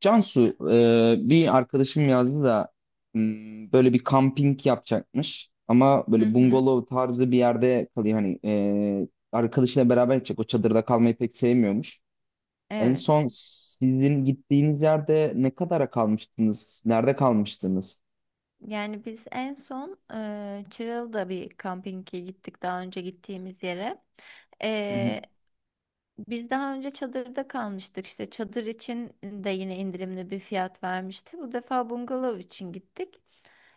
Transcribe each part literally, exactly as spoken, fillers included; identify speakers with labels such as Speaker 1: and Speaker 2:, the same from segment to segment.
Speaker 1: Cansu, e, bir arkadaşım yazdı da m, böyle bir kamping yapacakmış ama
Speaker 2: Hı
Speaker 1: böyle
Speaker 2: hı,
Speaker 1: bungalov tarzı bir yerde kalıyor hani e, arkadaşıyla beraber gidecek o çadırda kalmayı pek sevmiyormuş. En
Speaker 2: evet.
Speaker 1: son sizin gittiğiniz yerde ne kadara kalmıştınız? Nerede kalmıştınız?
Speaker 2: Yani biz en son eee Çıralı'da bir kampinge gittik daha önce gittiğimiz yere.
Speaker 1: Hı
Speaker 2: Biz daha önce çadırda kalmıştık işte çadır için de yine indirimli bir fiyat vermişti. Bu defa bungalov için gittik.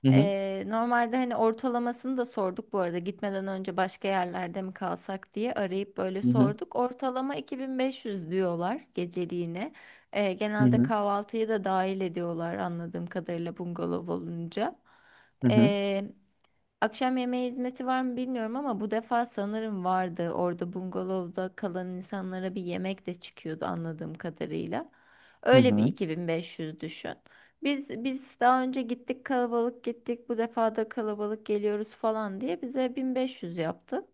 Speaker 1: hı, hı
Speaker 2: Ee, normalde hani ortalamasını da sorduk bu arada gitmeden önce başka yerlerde mi kalsak diye arayıp böyle
Speaker 1: hı, hı
Speaker 2: sorduk. Ortalama iki bin beş yüz diyorlar geceliğine. Ee, genelde
Speaker 1: hı,
Speaker 2: kahvaltıyı da dahil ediyorlar anladığım kadarıyla bungalov olunca.
Speaker 1: hı hı,
Speaker 2: Akşam yemeği hizmeti var mı bilmiyorum ama bu defa sanırım vardı. Orada bungalovda kalan insanlara bir yemek de çıkıyordu anladığım kadarıyla.
Speaker 1: hı
Speaker 2: Öyle bir
Speaker 1: hı.
Speaker 2: iki bin beş yüz düşün. Biz biz daha önce gittik kalabalık gittik. Bu defa da kalabalık geliyoruz falan diye bize bin beş yüz yaptı.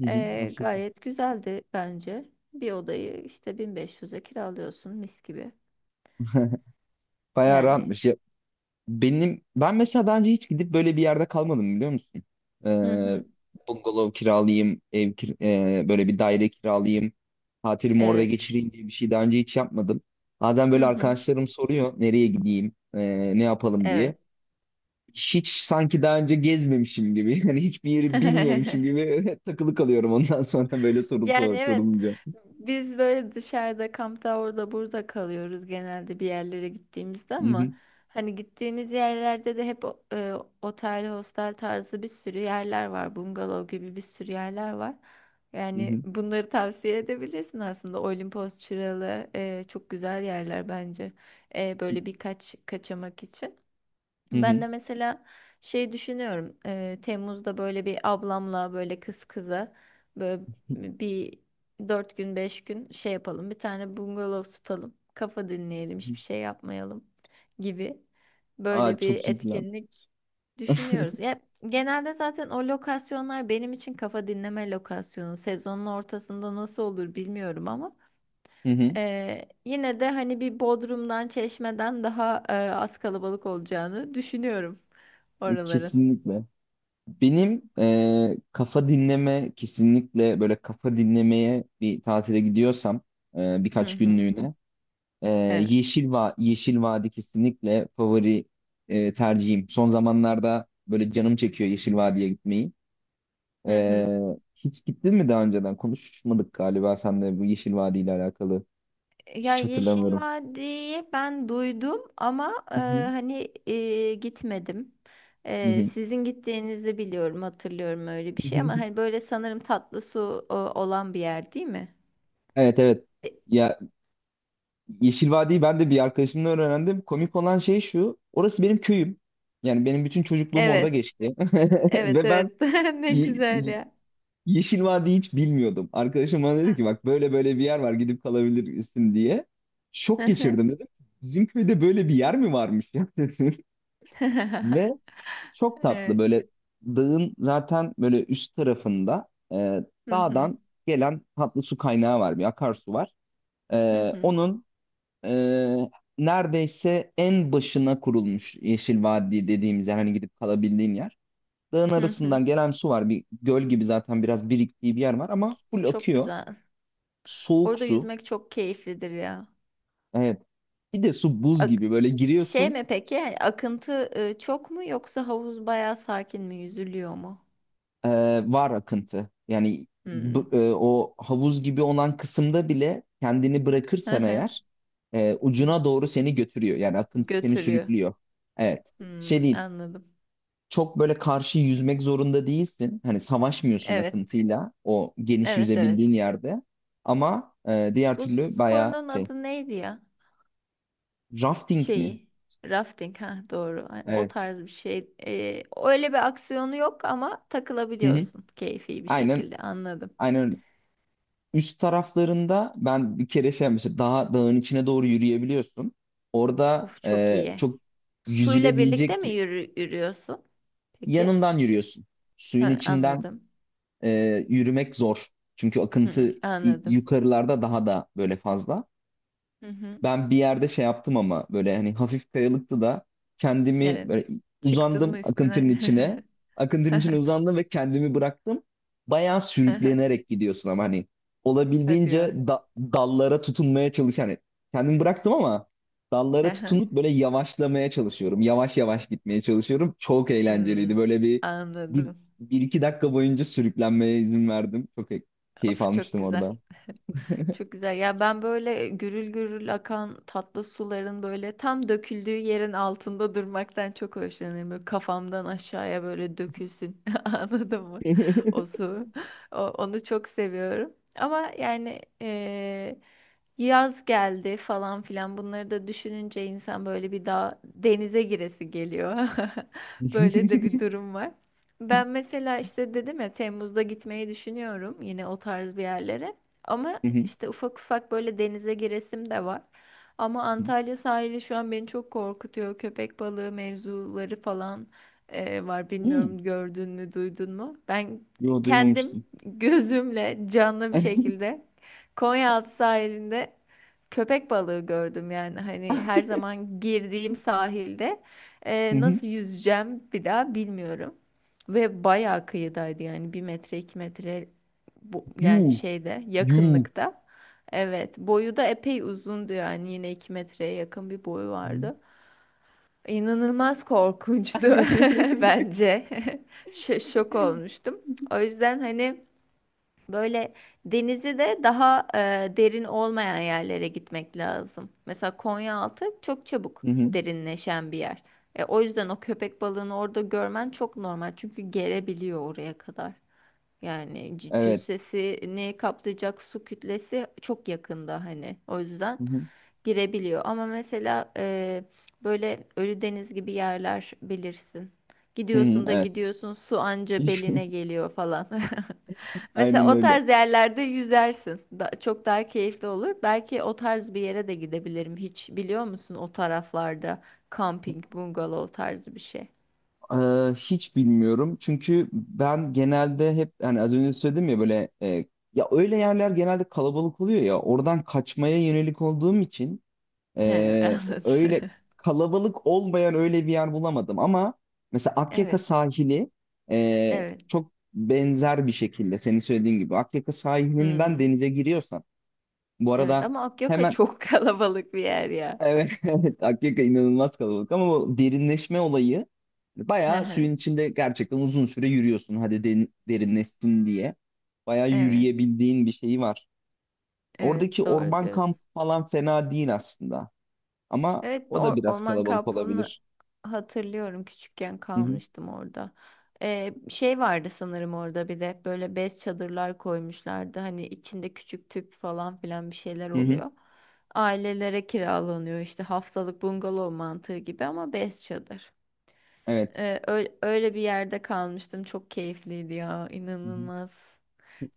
Speaker 1: Hı hı.
Speaker 2: Ee,
Speaker 1: Aslında.
Speaker 2: gayet güzeldi bence. Bir odayı işte bin beş yüze kiralıyorsun mis gibi.
Speaker 1: Bayağı
Speaker 2: Yani.
Speaker 1: rahatmış. Benim ben mesela daha önce hiç gidip böyle bir yerde kalmadım, biliyor musun?
Speaker 2: Hı
Speaker 1: Ee,
Speaker 2: hı.
Speaker 1: Bungalov kiralayayım, ev kir- e, böyle bir daire kiralayayım, tatilimi orada
Speaker 2: Evet.
Speaker 1: geçireyim diye bir şey daha önce hiç yapmadım. Bazen
Speaker 2: Hı
Speaker 1: böyle
Speaker 2: hı.
Speaker 1: arkadaşlarım soruyor nereye gideyim, e, ne yapalım diye.
Speaker 2: Evet.
Speaker 1: Hiç sanki daha önce gezmemişim gibi, yani hiçbir yeri bilmiyormuşum gibi takılı kalıyorum ondan sonra böyle soru
Speaker 2: Yani
Speaker 1: sor,
Speaker 2: evet,
Speaker 1: sorulunca.
Speaker 2: biz böyle dışarıda kampta orada burada kalıyoruz genelde bir yerlere gittiğimizde,
Speaker 1: Hı
Speaker 2: ama
Speaker 1: hı,
Speaker 2: hani gittiğimiz yerlerde de hep o- e, otel, hostel tarzı bir sürü yerler var. Bungalov gibi bir sürü yerler var.
Speaker 1: hı
Speaker 2: Yani
Speaker 1: hı,
Speaker 2: bunları tavsiye edebilirsin aslında. Olimpos, Çıralı e, çok güzel yerler bence. E, böyle birkaç kaçamak için.
Speaker 1: hı
Speaker 2: Ben
Speaker 1: hı,
Speaker 2: de mesela şey düşünüyorum. eee, Temmuz'da böyle bir ablamla böyle kız kıza böyle bir dört gün beş gün şey yapalım. Bir tane bungalov tutalım. Kafa
Speaker 1: hı
Speaker 2: dinleyelim,
Speaker 1: hı.
Speaker 2: hiçbir şey yapmayalım gibi böyle
Speaker 1: Aa,
Speaker 2: bir
Speaker 1: çok iyi plan.
Speaker 2: etkinlik düşünüyoruz. Ya genelde zaten o lokasyonlar benim için kafa dinleme lokasyonu. Sezonun ortasında nasıl olur bilmiyorum ama.
Speaker 1: Hı hı,
Speaker 2: Ee, yine de hani bir Bodrum'dan, Çeşme'den daha e, az kalabalık olacağını düşünüyorum oraların.
Speaker 1: kesinlikle. Benim e, kafa dinleme, kesinlikle böyle kafa dinlemeye bir tatile gidiyorsam, e,
Speaker 2: Hı
Speaker 1: birkaç
Speaker 2: hı.
Speaker 1: günlüğüne, e,
Speaker 2: Evet.
Speaker 1: Yeşil Va Yeşil Vadi kesinlikle favori e, tercihim. Son zamanlarda böyle canım çekiyor Yeşil Vadi'ye gitmeyi.
Speaker 2: Hı
Speaker 1: E,
Speaker 2: hı.
Speaker 1: Hiç gittin mi daha önceden? Konuşmadık galiba sen de bu Yeşil Vadi ile alakalı.
Speaker 2: Ya
Speaker 1: Hiç
Speaker 2: Yeşil
Speaker 1: hatırlamıyorum.
Speaker 2: Vadi'yi ben duydum ama e,
Speaker 1: Hı hı.
Speaker 2: hani e, gitmedim.
Speaker 1: Hı
Speaker 2: E,
Speaker 1: hı.
Speaker 2: sizin gittiğinizi biliyorum, hatırlıyorum öyle bir şey, ama hani böyle sanırım tatlı su e, olan bir yer değil mi?
Speaker 1: Evet, evet.
Speaker 2: E,
Speaker 1: Ya, Yeşil Vadi'yi ben de bir arkadaşımdan öğrendim. Komik olan şey şu. Orası benim köyüm. Yani benim bütün çocukluğum orada
Speaker 2: Evet,
Speaker 1: geçti.
Speaker 2: evet,
Speaker 1: Ve ben
Speaker 2: evet. Ne
Speaker 1: Ye-
Speaker 2: güzel
Speaker 1: Ye-
Speaker 2: ya.
Speaker 1: Yeşil Vadi'yi hiç bilmiyordum. Arkadaşım bana dedi ki bak böyle böyle bir yer var, gidip kalabilirsin diye. Şok geçirdim, dedim. Bizim köyde böyle bir yer mi varmış ya, dedim. Ve çok tatlı,
Speaker 2: Evet.
Speaker 1: böyle dağın zaten böyle üst tarafında, e,
Speaker 2: Hı hı.
Speaker 1: dağdan gelen tatlı su kaynağı var. Bir akarsu var. E,
Speaker 2: Hı hı.
Speaker 1: onun ee, Neredeyse en başına kurulmuş Yeşil Vadi dediğimiz yer, hani gidip kalabildiğin yer. Dağın
Speaker 2: Hı hı.
Speaker 1: arasından gelen su var. Bir göl gibi zaten biraz biriktiği bir yer var ama full
Speaker 2: Çok
Speaker 1: akıyor.
Speaker 2: güzel.
Speaker 1: Soğuk
Speaker 2: Orada
Speaker 1: su.
Speaker 2: yüzmek çok keyiflidir ya.
Speaker 1: Evet. Bir de su buz
Speaker 2: Ak-
Speaker 1: gibi böyle
Speaker 2: Şey
Speaker 1: giriyorsun.
Speaker 2: mi peki? Yani akıntı e, çok mu, yoksa havuz bayağı sakin mi? Yüzülüyor mu?
Speaker 1: ee, Var akıntı. Yani bu-
Speaker 2: Hmm.
Speaker 1: e, o havuz gibi olan kısımda bile kendini
Speaker 2: Hı
Speaker 1: bırakırsan
Speaker 2: hı.
Speaker 1: eğer e, ucuna doğru seni götürüyor. Yani akıntı seni
Speaker 2: Götürüyor.
Speaker 1: sürüklüyor. Evet. Şey
Speaker 2: Hmm,
Speaker 1: değil,
Speaker 2: anladım.
Speaker 1: çok böyle karşı yüzmek zorunda değilsin. Hani savaşmıyorsun
Speaker 2: Evet.
Speaker 1: akıntıyla o geniş
Speaker 2: Evet, evet.
Speaker 1: yüzebildiğin yerde. Ama e, diğer
Speaker 2: Bu su
Speaker 1: türlü bayağı
Speaker 2: sporunun
Speaker 1: şey,
Speaker 2: adı neydi ya?
Speaker 1: rafting mi?
Speaker 2: Şeyi. Rafting, ha doğru. Ay, o
Speaker 1: Evet.
Speaker 2: tarz bir şey. E, öyle bir aksiyonu yok ama
Speaker 1: Hı hı.
Speaker 2: takılabiliyorsun keyfi bir
Speaker 1: Aynen
Speaker 2: şekilde. Anladım.
Speaker 1: aynen öyle. Üst taraflarında ben bir kere şey yapmıştım. Daha dağın içine doğru yürüyebiliyorsun. Orada
Speaker 2: Of, çok
Speaker 1: e,
Speaker 2: iyi.
Speaker 1: çok
Speaker 2: Suyla birlikte
Speaker 1: yüzülebilecek
Speaker 2: mi yürü, yürüyorsun? Peki.
Speaker 1: yanından yürüyorsun. Suyun
Speaker 2: Ha,
Speaker 1: içinden
Speaker 2: anladım.
Speaker 1: e, yürümek zor. Çünkü akıntı
Speaker 2: Hı,
Speaker 1: i-
Speaker 2: anladım.
Speaker 1: yukarılarda daha da böyle fazla.
Speaker 2: Hı hı.
Speaker 1: Ben bir yerde şey yaptım, ama böyle hani hafif kayalıktı da kendimi
Speaker 2: Evet.
Speaker 1: böyle
Speaker 2: Çıktın
Speaker 1: uzandım
Speaker 2: mı
Speaker 1: akıntının
Speaker 2: üstüne?
Speaker 1: içine. Akıntının içine uzandım ve kendimi bıraktım. Bayağı sürüklenerek gidiyorsun ama hani
Speaker 2: Hadi
Speaker 1: olabildiğince
Speaker 2: ya.
Speaker 1: da- dallara tutunmaya çalış. Hani kendimi bıraktım ama
Speaker 2: Hı
Speaker 1: dallara
Speaker 2: hı.
Speaker 1: tutunup böyle yavaşlamaya çalışıyorum. Yavaş yavaş gitmeye çalışıyorum. Çok eğlenceliydi.
Speaker 2: Hmm,
Speaker 1: Böyle bir, bir,
Speaker 2: anladım.
Speaker 1: bir iki dakika boyunca sürüklenmeye izin verdim. Çok e- keyif
Speaker 2: Of çok
Speaker 1: almıştım
Speaker 2: güzel.
Speaker 1: orada.
Speaker 2: Çok güzel. Ya ben böyle gürül gürül akan tatlı suların böyle tam döküldüğü yerin altında durmaktan çok hoşlanırım. Böyle kafamdan aşağıya böyle dökülsün. Anladın mı? O su. O- onu çok seviyorum. Ama yani eee, yaz geldi falan filan bunları da düşününce insan böyle bir daha denize giresi geliyor. Böyle de bir durum var. Ben mesela işte dedim ya, Temmuz'da gitmeyi düşünüyorum yine o tarz bir yerlere. Ama işte ufak ufak böyle denize giresim de var. Ama Antalya sahili şu an beni çok korkutuyor. Köpek balığı mevzuları falan e, var.
Speaker 1: Hmm.
Speaker 2: Bilmiyorum, gördün mü, duydun mu? Ben
Speaker 1: Yo,
Speaker 2: kendim
Speaker 1: duymamıştım.
Speaker 2: gözümle canlı bir şekilde Konyaaltı sahilinde köpek balığı gördüm, yani hani her zaman girdiğim sahilde
Speaker 1: Hı
Speaker 2: e,
Speaker 1: hı.
Speaker 2: nasıl yüzeceğim bir daha bilmiyorum. Ve bayağı kıyıdaydı, yani bir metre iki metre bu, yani
Speaker 1: You.
Speaker 2: şeyde
Speaker 1: You.
Speaker 2: yakınlıkta. Evet, boyu da epey uzundu, yani yine iki metreye yakın bir boyu
Speaker 1: Hı hı.
Speaker 2: vardı. İnanılmaz korkunçtu bence. Ş- şok olmuştum. O yüzden hani böyle denizi de daha e, derin olmayan yerlere gitmek lazım. Mesela Konyaaltı çok çabuk
Speaker 1: Hı hı.
Speaker 2: derinleşen bir yer. E, o yüzden o köpek balığını orada görmen çok normal. Çünkü gelebiliyor oraya kadar. Yani c-
Speaker 1: Evet.
Speaker 2: cüssesini kaplayacak su kütlesi çok yakında hani. O
Speaker 1: Hı
Speaker 2: yüzden
Speaker 1: hı.
Speaker 2: girebiliyor. Ama mesela e, böyle Ölüdeniz gibi yerler bilirsin.
Speaker 1: Hı hı.
Speaker 2: Gidiyorsun da
Speaker 1: Evet.
Speaker 2: gidiyorsun, su anca beline geliyor falan. Mesela
Speaker 1: Aynen
Speaker 2: o
Speaker 1: öyle.
Speaker 2: tarz yerlerde yüzersin. Da- çok daha keyifli olur. Belki o tarz bir yere de gidebilirim. Hiç biliyor musun o taraflarda camping, bungalov tarzı bir şey.
Speaker 1: Ee, hiç bilmiyorum. Çünkü ben genelde hep hani az önce söyledim ya, böyle e, ya öyle yerler genelde kalabalık oluyor, ya oradan kaçmaya yönelik olduğum için
Speaker 2: He,
Speaker 1: Ee,
Speaker 2: anladım.
Speaker 1: öyle kalabalık olmayan öyle bir yer bulamadım, ama mesela Akyaka
Speaker 2: Evet,
Speaker 1: sahili e,
Speaker 2: evet.
Speaker 1: çok benzer bir şekilde senin söylediğin gibi. Akyaka sahilinden
Speaker 2: Hmm.
Speaker 1: denize giriyorsan bu
Speaker 2: Evet
Speaker 1: arada,
Speaker 2: ama Akyaka
Speaker 1: hemen
Speaker 2: çok kalabalık bir yer ya.
Speaker 1: evet, evet, Akyaka inanılmaz kalabalık, ama o derinleşme olayı
Speaker 2: Hı
Speaker 1: bayağı
Speaker 2: hı.
Speaker 1: suyun içinde gerçekten uzun süre yürüyorsun hadi derin- derinleşsin diye, bayağı
Speaker 2: Evet,
Speaker 1: yürüyebildiğin bir şeyi var. Oradaki
Speaker 2: evet, doğru
Speaker 1: orman kampı
Speaker 2: diyorsun.
Speaker 1: falan fena değil aslında, ama
Speaker 2: Evet,
Speaker 1: o da
Speaker 2: or-
Speaker 1: biraz
Speaker 2: orman
Speaker 1: kalabalık
Speaker 2: kampını
Speaker 1: olabilir.
Speaker 2: hatırlıyorum. Küçükken
Speaker 1: Hı hı.
Speaker 2: kalmıştım orada. Ee, şey vardı sanırım orada, bir de böyle bez çadırlar koymuşlardı. Hani içinde küçük tüp falan filan bir şeyler
Speaker 1: Hı hı.
Speaker 2: oluyor. Ailelere kiralanıyor işte haftalık bungalov mantığı gibi ama bez çadır.
Speaker 1: Evet.
Speaker 2: Ee, ö- öyle bir yerde kalmıştım. Çok keyifliydi ya,
Speaker 1: Hı hı.
Speaker 2: inanılmaz.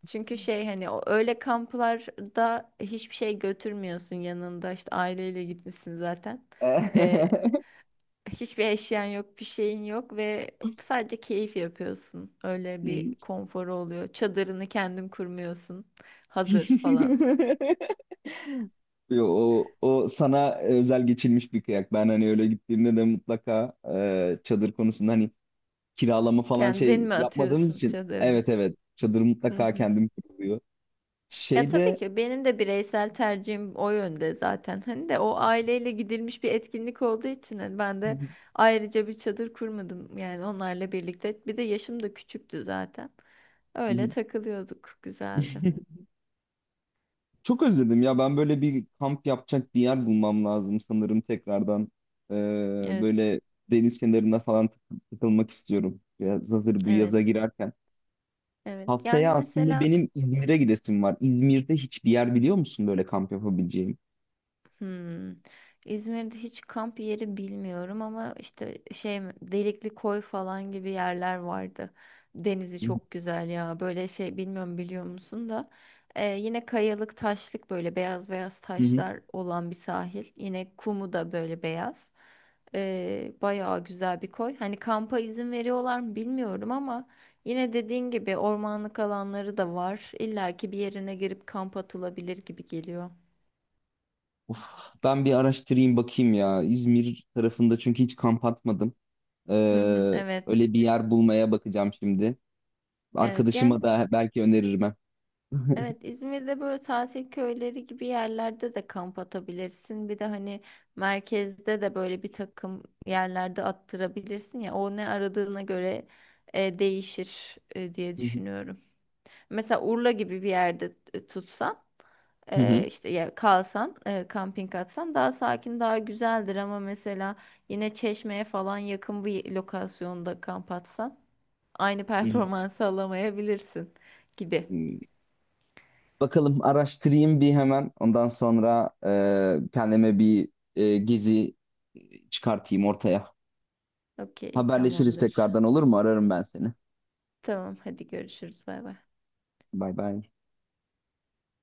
Speaker 2: Çünkü şey hani o öyle kamplarda hiçbir şey götürmüyorsun yanında. İşte aileyle gitmişsin zaten. Hiçbir eşyan yok, bir şeyin yok, ve sadece keyif yapıyorsun. Öyle bir konforu oluyor. Çadırını kendin kurmuyorsun. Hazır falan.
Speaker 1: Yo, o, o sana özel geçilmiş bir kıyak. Ben hani öyle gittiğimde de mutlaka e, çadır konusunda hani kiralama falan
Speaker 2: Kendin
Speaker 1: şey
Speaker 2: mi
Speaker 1: yapmadığımız
Speaker 2: atıyorsun
Speaker 1: için.
Speaker 2: çadırını?
Speaker 1: Evet, evet, çadır
Speaker 2: Hı
Speaker 1: mutlaka
Speaker 2: hı.
Speaker 1: kendim kuruluyor.
Speaker 2: Ya tabii
Speaker 1: Şeyde.
Speaker 2: ki benim de bireysel tercihim o yönde zaten. Hani de o aileyle gidilmiş bir etkinlik olduğu için hani ben
Speaker 1: Hı,
Speaker 2: de ayrıca bir çadır kurmadım. Yani onlarla birlikte. Bir de yaşım da küçüktü zaten. Öyle takılıyorduk. Güzeldi.
Speaker 1: çok özledim ya, ben böyle bir kamp yapacak bir yer bulmam lazım sanırım tekrardan. E,
Speaker 2: Evet,
Speaker 1: Böyle deniz kenarında falan takı- takılmak istiyorum. Biraz hazır bu
Speaker 2: evet,
Speaker 1: yaza girerken.
Speaker 2: evet. Yani
Speaker 1: Haftaya aslında
Speaker 2: mesela
Speaker 1: benim İzmir'e gidesim var. İzmir'de hiçbir yer biliyor musun böyle kamp yapabileceğim?
Speaker 2: Hmm. İzmir'de hiç kamp yeri bilmiyorum, ama işte şey mi, Delikli Koy falan gibi yerler vardı. Denizi
Speaker 1: Hı
Speaker 2: çok güzel ya. Böyle şey bilmiyorum, biliyor musun da Ee, yine kayalık taşlık böyle beyaz beyaz
Speaker 1: hı.
Speaker 2: taşlar olan bir sahil. Yine kumu da böyle beyaz. Ee, bayağı güzel bir koy. Hani kampa izin veriyorlar mı bilmiyorum ama yine dediğin gibi ormanlık alanları da var. İlla ki bir yerine girip kamp atılabilir gibi geliyor.
Speaker 1: Of, ben bir araştırayım bakayım ya. İzmir tarafında çünkü hiç kamp atmadım. Ee,
Speaker 2: Hı hı, evet.
Speaker 1: Öyle bir yer bulmaya bakacağım şimdi.
Speaker 2: Evet, yani
Speaker 1: Arkadaşıma da belki öneririm. Ha.
Speaker 2: evet, İzmir'de böyle tatil köyleri gibi yerlerde de kamp atabilirsin. Bir de hani merkezde de böyle bir takım yerlerde attırabilirsin ya. O ne aradığına göre e, değişir e, diye
Speaker 1: Hı hı.
Speaker 2: düşünüyorum. Mesela Urla gibi bir yerde t- tutsan,
Speaker 1: Hı hı.
Speaker 2: e, işte ya kalsan, e, kamping atsan daha sakin daha güzeldir, ama mesela yine Çeşme'ye falan yakın bir lokasyonda kamp atsan aynı performansı alamayabilirsin gibi.
Speaker 1: Hmm, bakalım, araştırayım bir hemen. Ondan sonra e, kendime bir e, gezi çıkartayım ortaya.
Speaker 2: Okey,
Speaker 1: Haberleşiriz
Speaker 2: tamamdır.
Speaker 1: tekrardan, olur mu? Ararım ben seni.
Speaker 2: Tamam, hadi görüşürüz. Bay bay.
Speaker 1: Bay bay.